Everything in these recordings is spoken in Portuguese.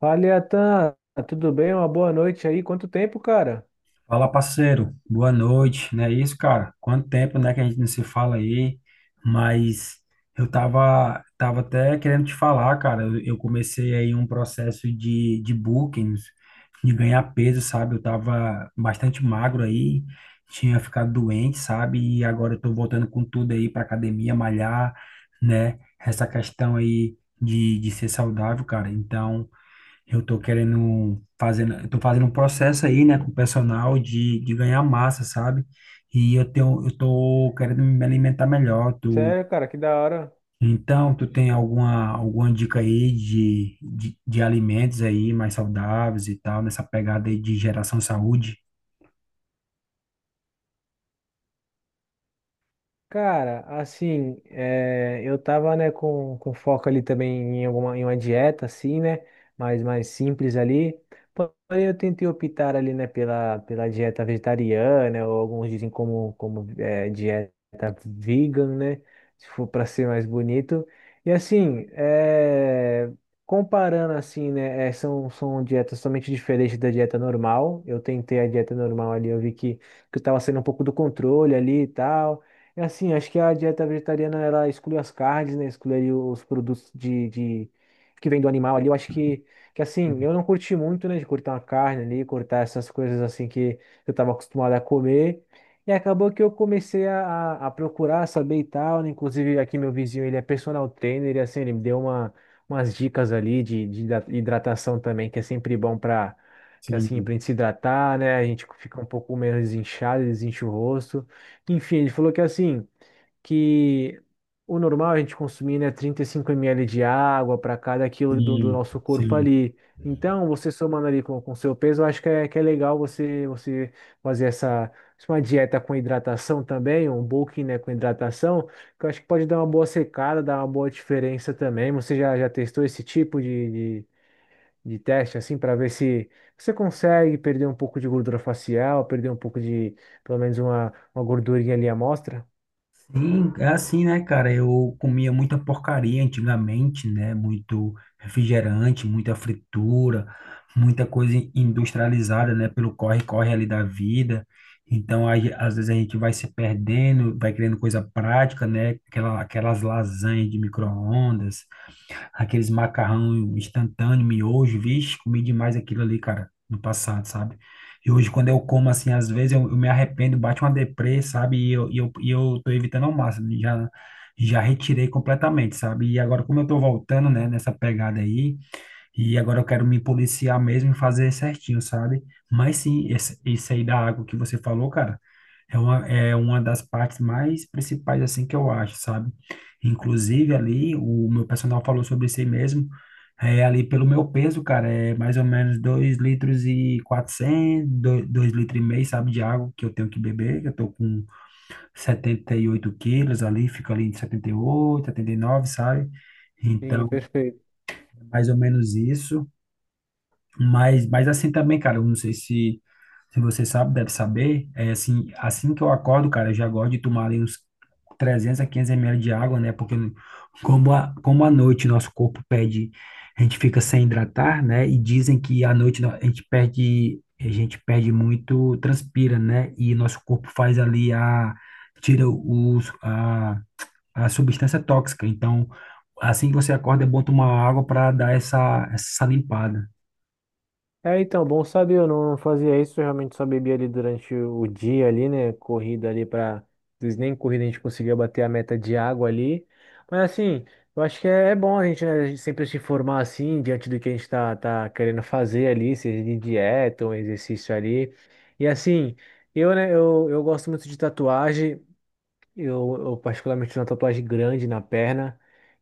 Fala, Iatan, tudo bem? Uma boa noite aí. Quanto tempo, cara? Fala, parceiro. Boa noite. Não é isso, cara? Quanto tempo, né, que a gente não se fala aí? Mas eu tava, até querendo te falar, cara. Eu comecei aí um processo de bookings, de ganhar peso, sabe? Eu tava bastante magro aí, tinha ficado doente, sabe? E agora eu tô voltando com tudo aí pra academia, malhar, né? Essa questão aí de ser saudável, cara. Então, eu tô fazendo um processo aí, né, com o personal de ganhar massa, sabe? E eu tô querendo me alimentar melhor. Tu, Sério, cara, que da hora. então, tu tem alguma dica aí de alimentos aí mais saudáveis e tal, nessa pegada aí de geração saúde? Cara, assim, eu tava, né, com foco ali também em alguma, em uma dieta, assim, né, mais simples ali, porém eu tentei optar ali, né, pela dieta vegetariana, ou alguns dizem como, como dieta vegan, né, se for para ser mais bonito, e assim, comparando assim, né, são dietas totalmente diferentes da dieta normal, eu tentei a dieta normal ali, eu vi que eu tava saindo um pouco do controle ali e tal, é assim, acho que a dieta vegetariana ela exclui as carnes, né? Exclui ali os produtos que vem do animal ali. Eu acho que assim, eu não curti muito, né? De cortar uma carne ali, cortar essas coisas assim que eu estava acostumado a comer. E acabou que eu comecei a, a procurar saber e tal, né? Inclusive aqui meu vizinho, ele é personal trainer e assim, ele me deu uma, umas dicas ali de hidratação também, que é sempre bom para que assim, Sim, para gente se hidratar, né? A gente fica um pouco menos inchado, desincha o rosto. Enfim, ele falou que assim, que o normal é a gente consumir, né, 35 ml de água para cada quilo do sim, nosso corpo sim. ali. Então, você somando ali com o seu peso, eu acho que é legal você, você fazer essa uma dieta com hidratação também, um bulking, né, com hidratação, que eu acho que pode dar uma boa secada, dar uma boa diferença também. Você já, já testou esse tipo de, de teste, assim, para ver se você consegue perder um pouco de gordura facial, perder um pouco de, pelo menos uma gordurinha ali à mostra? Sim, é assim, né, cara? Eu comia muita porcaria antigamente, né? Muito refrigerante, muita fritura, muita coisa industrializada, né? Pelo corre-corre ali da vida. Então, aí, às vezes a gente vai se perdendo, vai querendo coisa prática, né? Aquelas lasanhas de micro-ondas, aqueles macarrão instantâneo, miojo, vixe, comi demais aquilo ali, cara, no passado, sabe? E hoje, quando eu como, assim, às vezes eu me arrependo, bate uma deprê, sabe? E eu tô evitando ao máximo, já, já retirei completamente, sabe? E agora, como eu tô voltando, né, nessa pegada aí, e agora eu quero me policiar mesmo e fazer certinho, sabe? Mas sim, isso aí da água que você falou, cara, é uma das partes mais principais, assim, que eu acho, sabe? Inclusive ali, o meu personal falou sobre isso aí mesmo, é, ali pelo meu peso, cara, é mais ou menos 2,4 litros, 2,5 litros, sabe, de água que eu tenho que beber. Eu tô com 78 quilos ali, fico ali em 78, 79, sabe? Sim, Então, perfeito. é mais ou menos isso. Mas assim também, cara, eu não sei se, se você sabe, deve saber. É assim, assim que eu acordo, cara, eu já gosto de tomar ali uns 300 a 500 ml de água, né? Porque como à noite nosso corpo pede, a gente fica sem hidratar, né? E dizem que à noite a gente perde muito, transpira, né? E nosso corpo faz ali tira a substância tóxica. Então, assim que você acorda, é bom tomar água para dar essa limpada. É, então, bom saber, eu não, não fazia isso, eu realmente só bebia ali durante o dia ali, né, corrida ali para, às vezes nem corrida a gente conseguia bater a meta de água ali, mas assim, eu acho que é, é bom a gente, né, a gente sempre se informar assim, diante do que a gente tá, tá querendo fazer ali, seja de dieta ou exercício ali, e assim... Eu, né, eu gosto muito de tatuagem. Eu particularmente tenho uma tatuagem grande na perna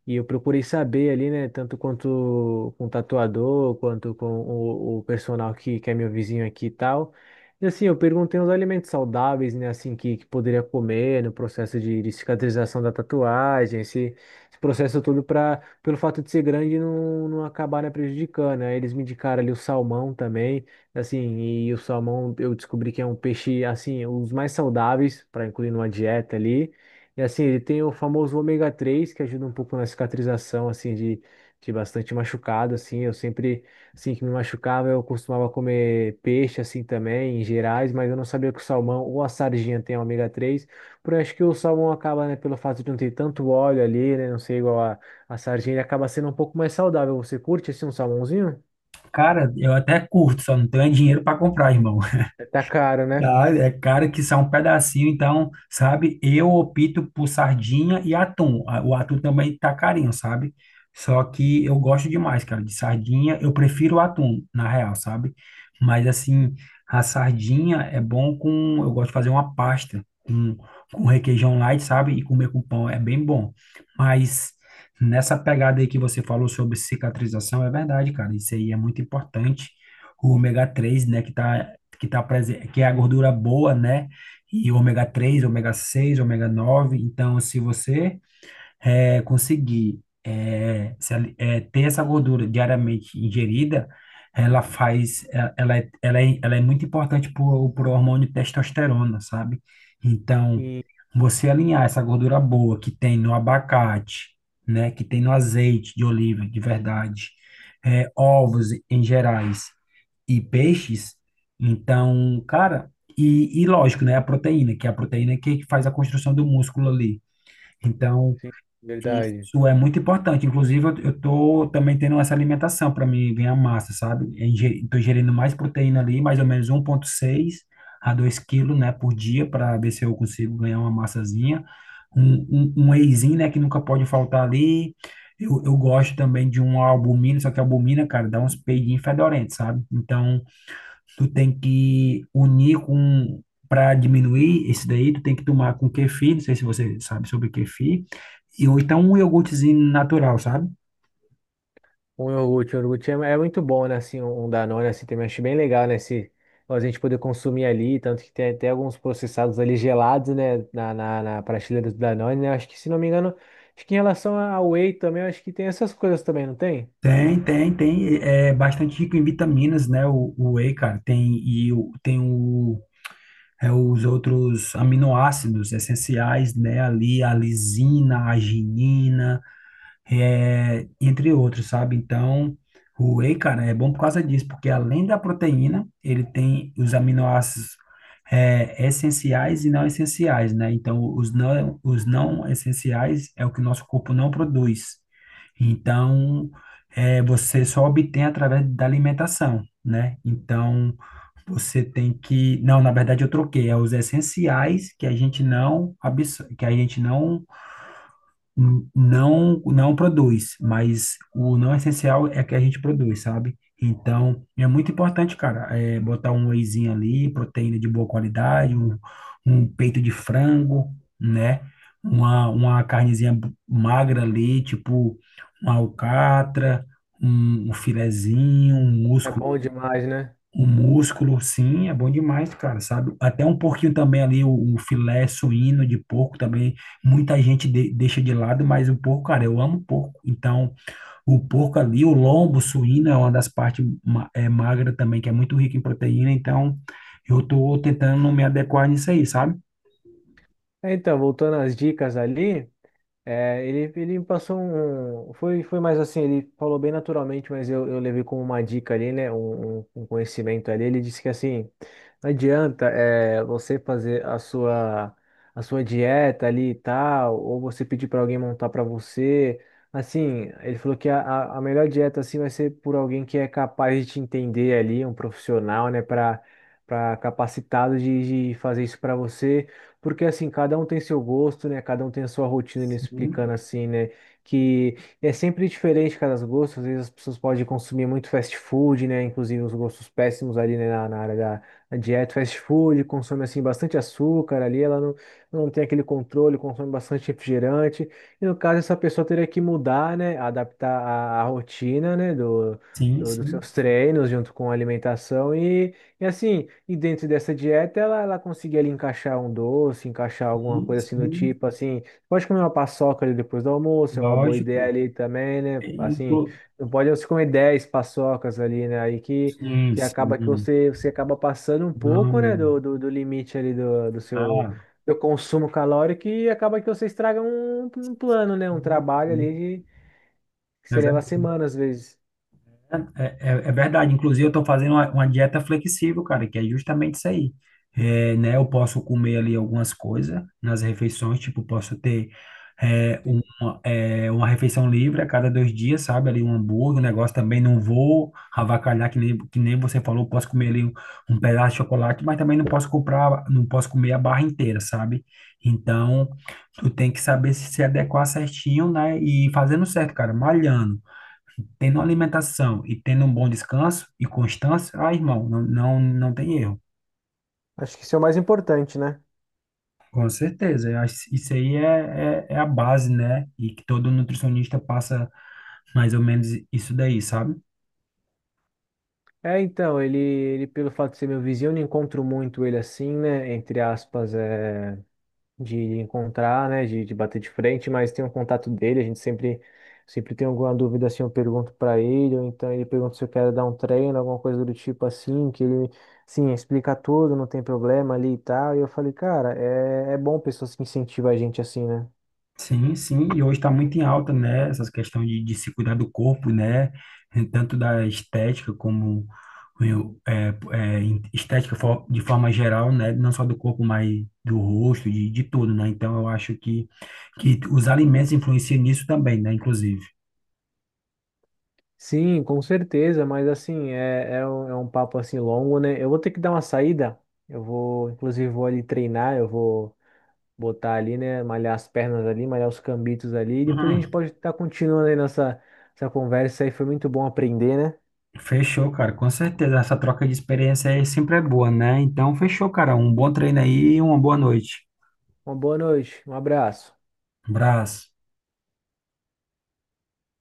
e eu procurei saber ali, né, tanto quanto com o tatuador, quanto com o personal que é meu vizinho aqui e tal. E assim, eu perguntei os alimentos saudáveis, né, assim, que poderia comer no processo de cicatrização da tatuagem, esse processo todo para, pelo fato de ser grande, não, não acabar, né, prejudicando. Aí eles me indicaram ali o salmão também. Assim, e o salmão eu descobri que é um peixe, assim, um dos mais saudáveis para incluir numa dieta ali. E assim, ele tem o famoso ômega 3 que ajuda um pouco na cicatrização, assim, de bastante machucado, assim. Eu sempre, assim, que me machucava, eu costumava comer peixe, assim, também, em gerais, mas eu não sabia que o salmão ou a sardinha tem ômega 3. Por acho que o salmão acaba, né, pelo fato de não ter tanto óleo ali, né, não ser igual a sardinha, ele acaba sendo um pouco mais saudável. Você curte, assim, um salmãozinho? Cara, eu até curto, só não tenho dinheiro pra comprar, irmão. Tá caro, né? Ah, é caro, que são um pedacinho, então, sabe? Eu opto por sardinha e atum. Ah, o atum também tá carinho, sabe? Só que eu gosto demais, cara, de sardinha. Eu prefiro o atum, na real, sabe? Mas, assim, a sardinha é bom com. Eu gosto de fazer uma pasta com requeijão light, sabe? E comer com pão é bem bom. Mas nessa pegada aí que você falou sobre cicatrização, é verdade, cara. Isso aí é muito importante. O ômega 3, né, que tá presente, que é a gordura boa, né? E ômega 3, ômega 6, ômega 9. Então, se você conseguir eh, se ali- eh, ter essa gordura diariamente ingerida, ela faz, ela é muito importante para o hormônio testosterona, sabe? Então, você alinhar essa gordura boa que tem no abacate, né? Que tem no azeite de oliva, de verdade, ovos em gerais e peixes. Então, cara, e lógico, né, a proteína, que é a proteína que faz a construção do músculo ali. Então, Sim, verdade. isso é muito importante. Inclusive, eu tô também tendo essa alimentação para mim ganhar massa, sabe? Estou ingerindo mais proteína ali, mais ou menos 1,6 a 2 quilos, né, por dia, para ver se eu consigo ganhar uma massazinha. Um wheyzinho, né, que nunca pode faltar ali. Eu gosto também de uma albumina, só que a albumina, cara, dá uns peidinhos fedorentes, sabe? Então, tu tem que unir com para diminuir esse daí, tu tem que tomar com kefir, não sei se você sabe sobre kefir, e ou então um iogurtezinho natural, sabe? Um iogurte é, é muito bom, né? Assim, um Danone, assim, também acho bem legal, né? Se a gente poder consumir ali, tanto que tem até alguns processados ali gelados, né? Na prateleira do Danone, né? Acho que, se não me engano, acho que em relação ao Whey também, acho que tem essas coisas também, não tem? Tem, tem, tem, é bastante rico em vitaminas, né? O whey, cara, tem os outros aminoácidos essenciais, né? Ali a lisina, a arginina, entre outros, sabe? Então, o whey, cara, é bom por causa disso, porque além da proteína, ele tem os aminoácidos essenciais e não essenciais, né? Então, os não essenciais é o que o nosso corpo não produz. Então, você só obtém através da alimentação, né? Então, você tem que... Não, na verdade, eu troquei. É os essenciais que a gente não, absor- que a gente não produz, mas o não essencial é que a gente produz, sabe? Então, é muito importante, cara, botar um wheyzinho ali, proteína de boa qualidade, um peito de frango, né? Uma magra ali, tipo uma alcatra, um filezinho, um É músculo. bom demais, né? O músculo, sim, é bom demais, cara, sabe? Até um pouquinho também ali, o filé suíno de porco também, muita gente deixa de lado, mas o porco, cara, eu amo porco. Então, o porco ali, o lombo suíno é uma das partes magra também, que é muito rica em proteína, então eu tô tentando me adequar nisso aí, sabe? É, então, voltando às dicas ali. É, ele me passou um. Foi, foi mais assim, ele falou bem naturalmente, mas eu levei como uma dica ali, né? Um, um conhecimento ali. Ele disse que assim, não adianta é, você fazer a sua dieta ali e tal, ou você pedir para alguém montar para você. Assim, ele falou que a, a melhor dieta assim vai ser por alguém que é capaz de te entender ali, um profissional, né? Para capacitado de fazer isso para você. Porque assim, cada um tem seu gosto, né? Cada um tem a sua rotina, né? Explicando assim, né? Que é sempre diferente cada gosto. Às vezes as pessoas podem consumir muito fast food, né? Inclusive uns gostos péssimos ali, né? Na, na área da dieta, fast food, consome assim bastante açúcar ali, ela não, não tem aquele controle, consome bastante refrigerante. E no caso, essa pessoa teria que mudar, né? Adaptar a rotina, né? Sim, sim, Dos seus sim, treinos junto com a alimentação e assim, e dentro dessa dieta, ela conseguia ali encaixar um doce, encaixar alguma sim, coisa assim do sim, tipo, assim, pode comer uma paçoca ali depois do almoço, é uma boa ideia lógico. ali também, né? Assim, Inclu- não pode você comer 10 paçocas ali, né? Aí Sim, que acaba que sim, você, você acaba passando um não, pouco, né, não. do limite ali do seu Ah, do consumo calórico e acaba que você estraga um, um plano, né? Um sim, trabalho sim. ali de, que É você leva verdade. semanas às vezes. É, é verdade. Inclusive, eu estou fazendo uma dieta flexível, cara, que é justamente isso aí. É, né, eu posso comer ali algumas coisas nas refeições, tipo, posso ter uma refeição livre a cada 2 dias, sabe? Ali um hambúrguer, um negócio também. Não vou avacalhar, que nem você falou, posso comer ali um pedaço de chocolate, mas também não posso comprar, não posso comer a barra inteira, sabe? Então, tu tem que saber se adequar certinho, né? E fazendo certo, cara, malhando. Tendo uma alimentação e tendo um bom descanso e constância, ah, irmão, não, não, não tem erro. Acho que isso é o mais importante, né? Com certeza. Eu acho que isso aí é a base, né? E que todo nutricionista passa mais ou menos isso daí, sabe? É, então, ele, pelo fato de ser meu vizinho, eu não encontro muito ele assim, né? Entre aspas, é, de encontrar, né? De bater de frente, mas tem um contato dele, a gente sempre, sempre tem alguma dúvida assim, eu pergunto pra ele, ou então ele pergunta se eu quero dar um treino, alguma coisa do tipo assim, que ele, sim, explica tudo, não tem problema ali e tal. E eu falei, cara, é, é bom pessoas que incentivam a gente assim, né? Sim, sim, e hoje está muito em alta, né? Essas questões de se cuidar do corpo, né? Tanto da estética como eu, é, é, em- estética de forma geral, né? Não só do corpo, mas do rosto, de tudo, né? Então eu acho que os alimentos influenciam nisso também, né? Inclusive. Sim, com certeza, mas assim, é, é um papo assim longo, né? Eu vou ter que dar uma saída. Eu vou, inclusive, vou ali treinar, eu vou botar ali, né? Malhar as pernas ali, malhar os cambitos ali. E depois a gente Uhum. pode estar continuando aí nossa essa conversa aí. Foi muito bom aprender, né? Fechou, cara, com certeza. Essa troca de experiência aí sempre é boa, né? Então fechou, cara. Um bom treino aí e uma boa noite. Uma boa noite, um abraço. Abraço.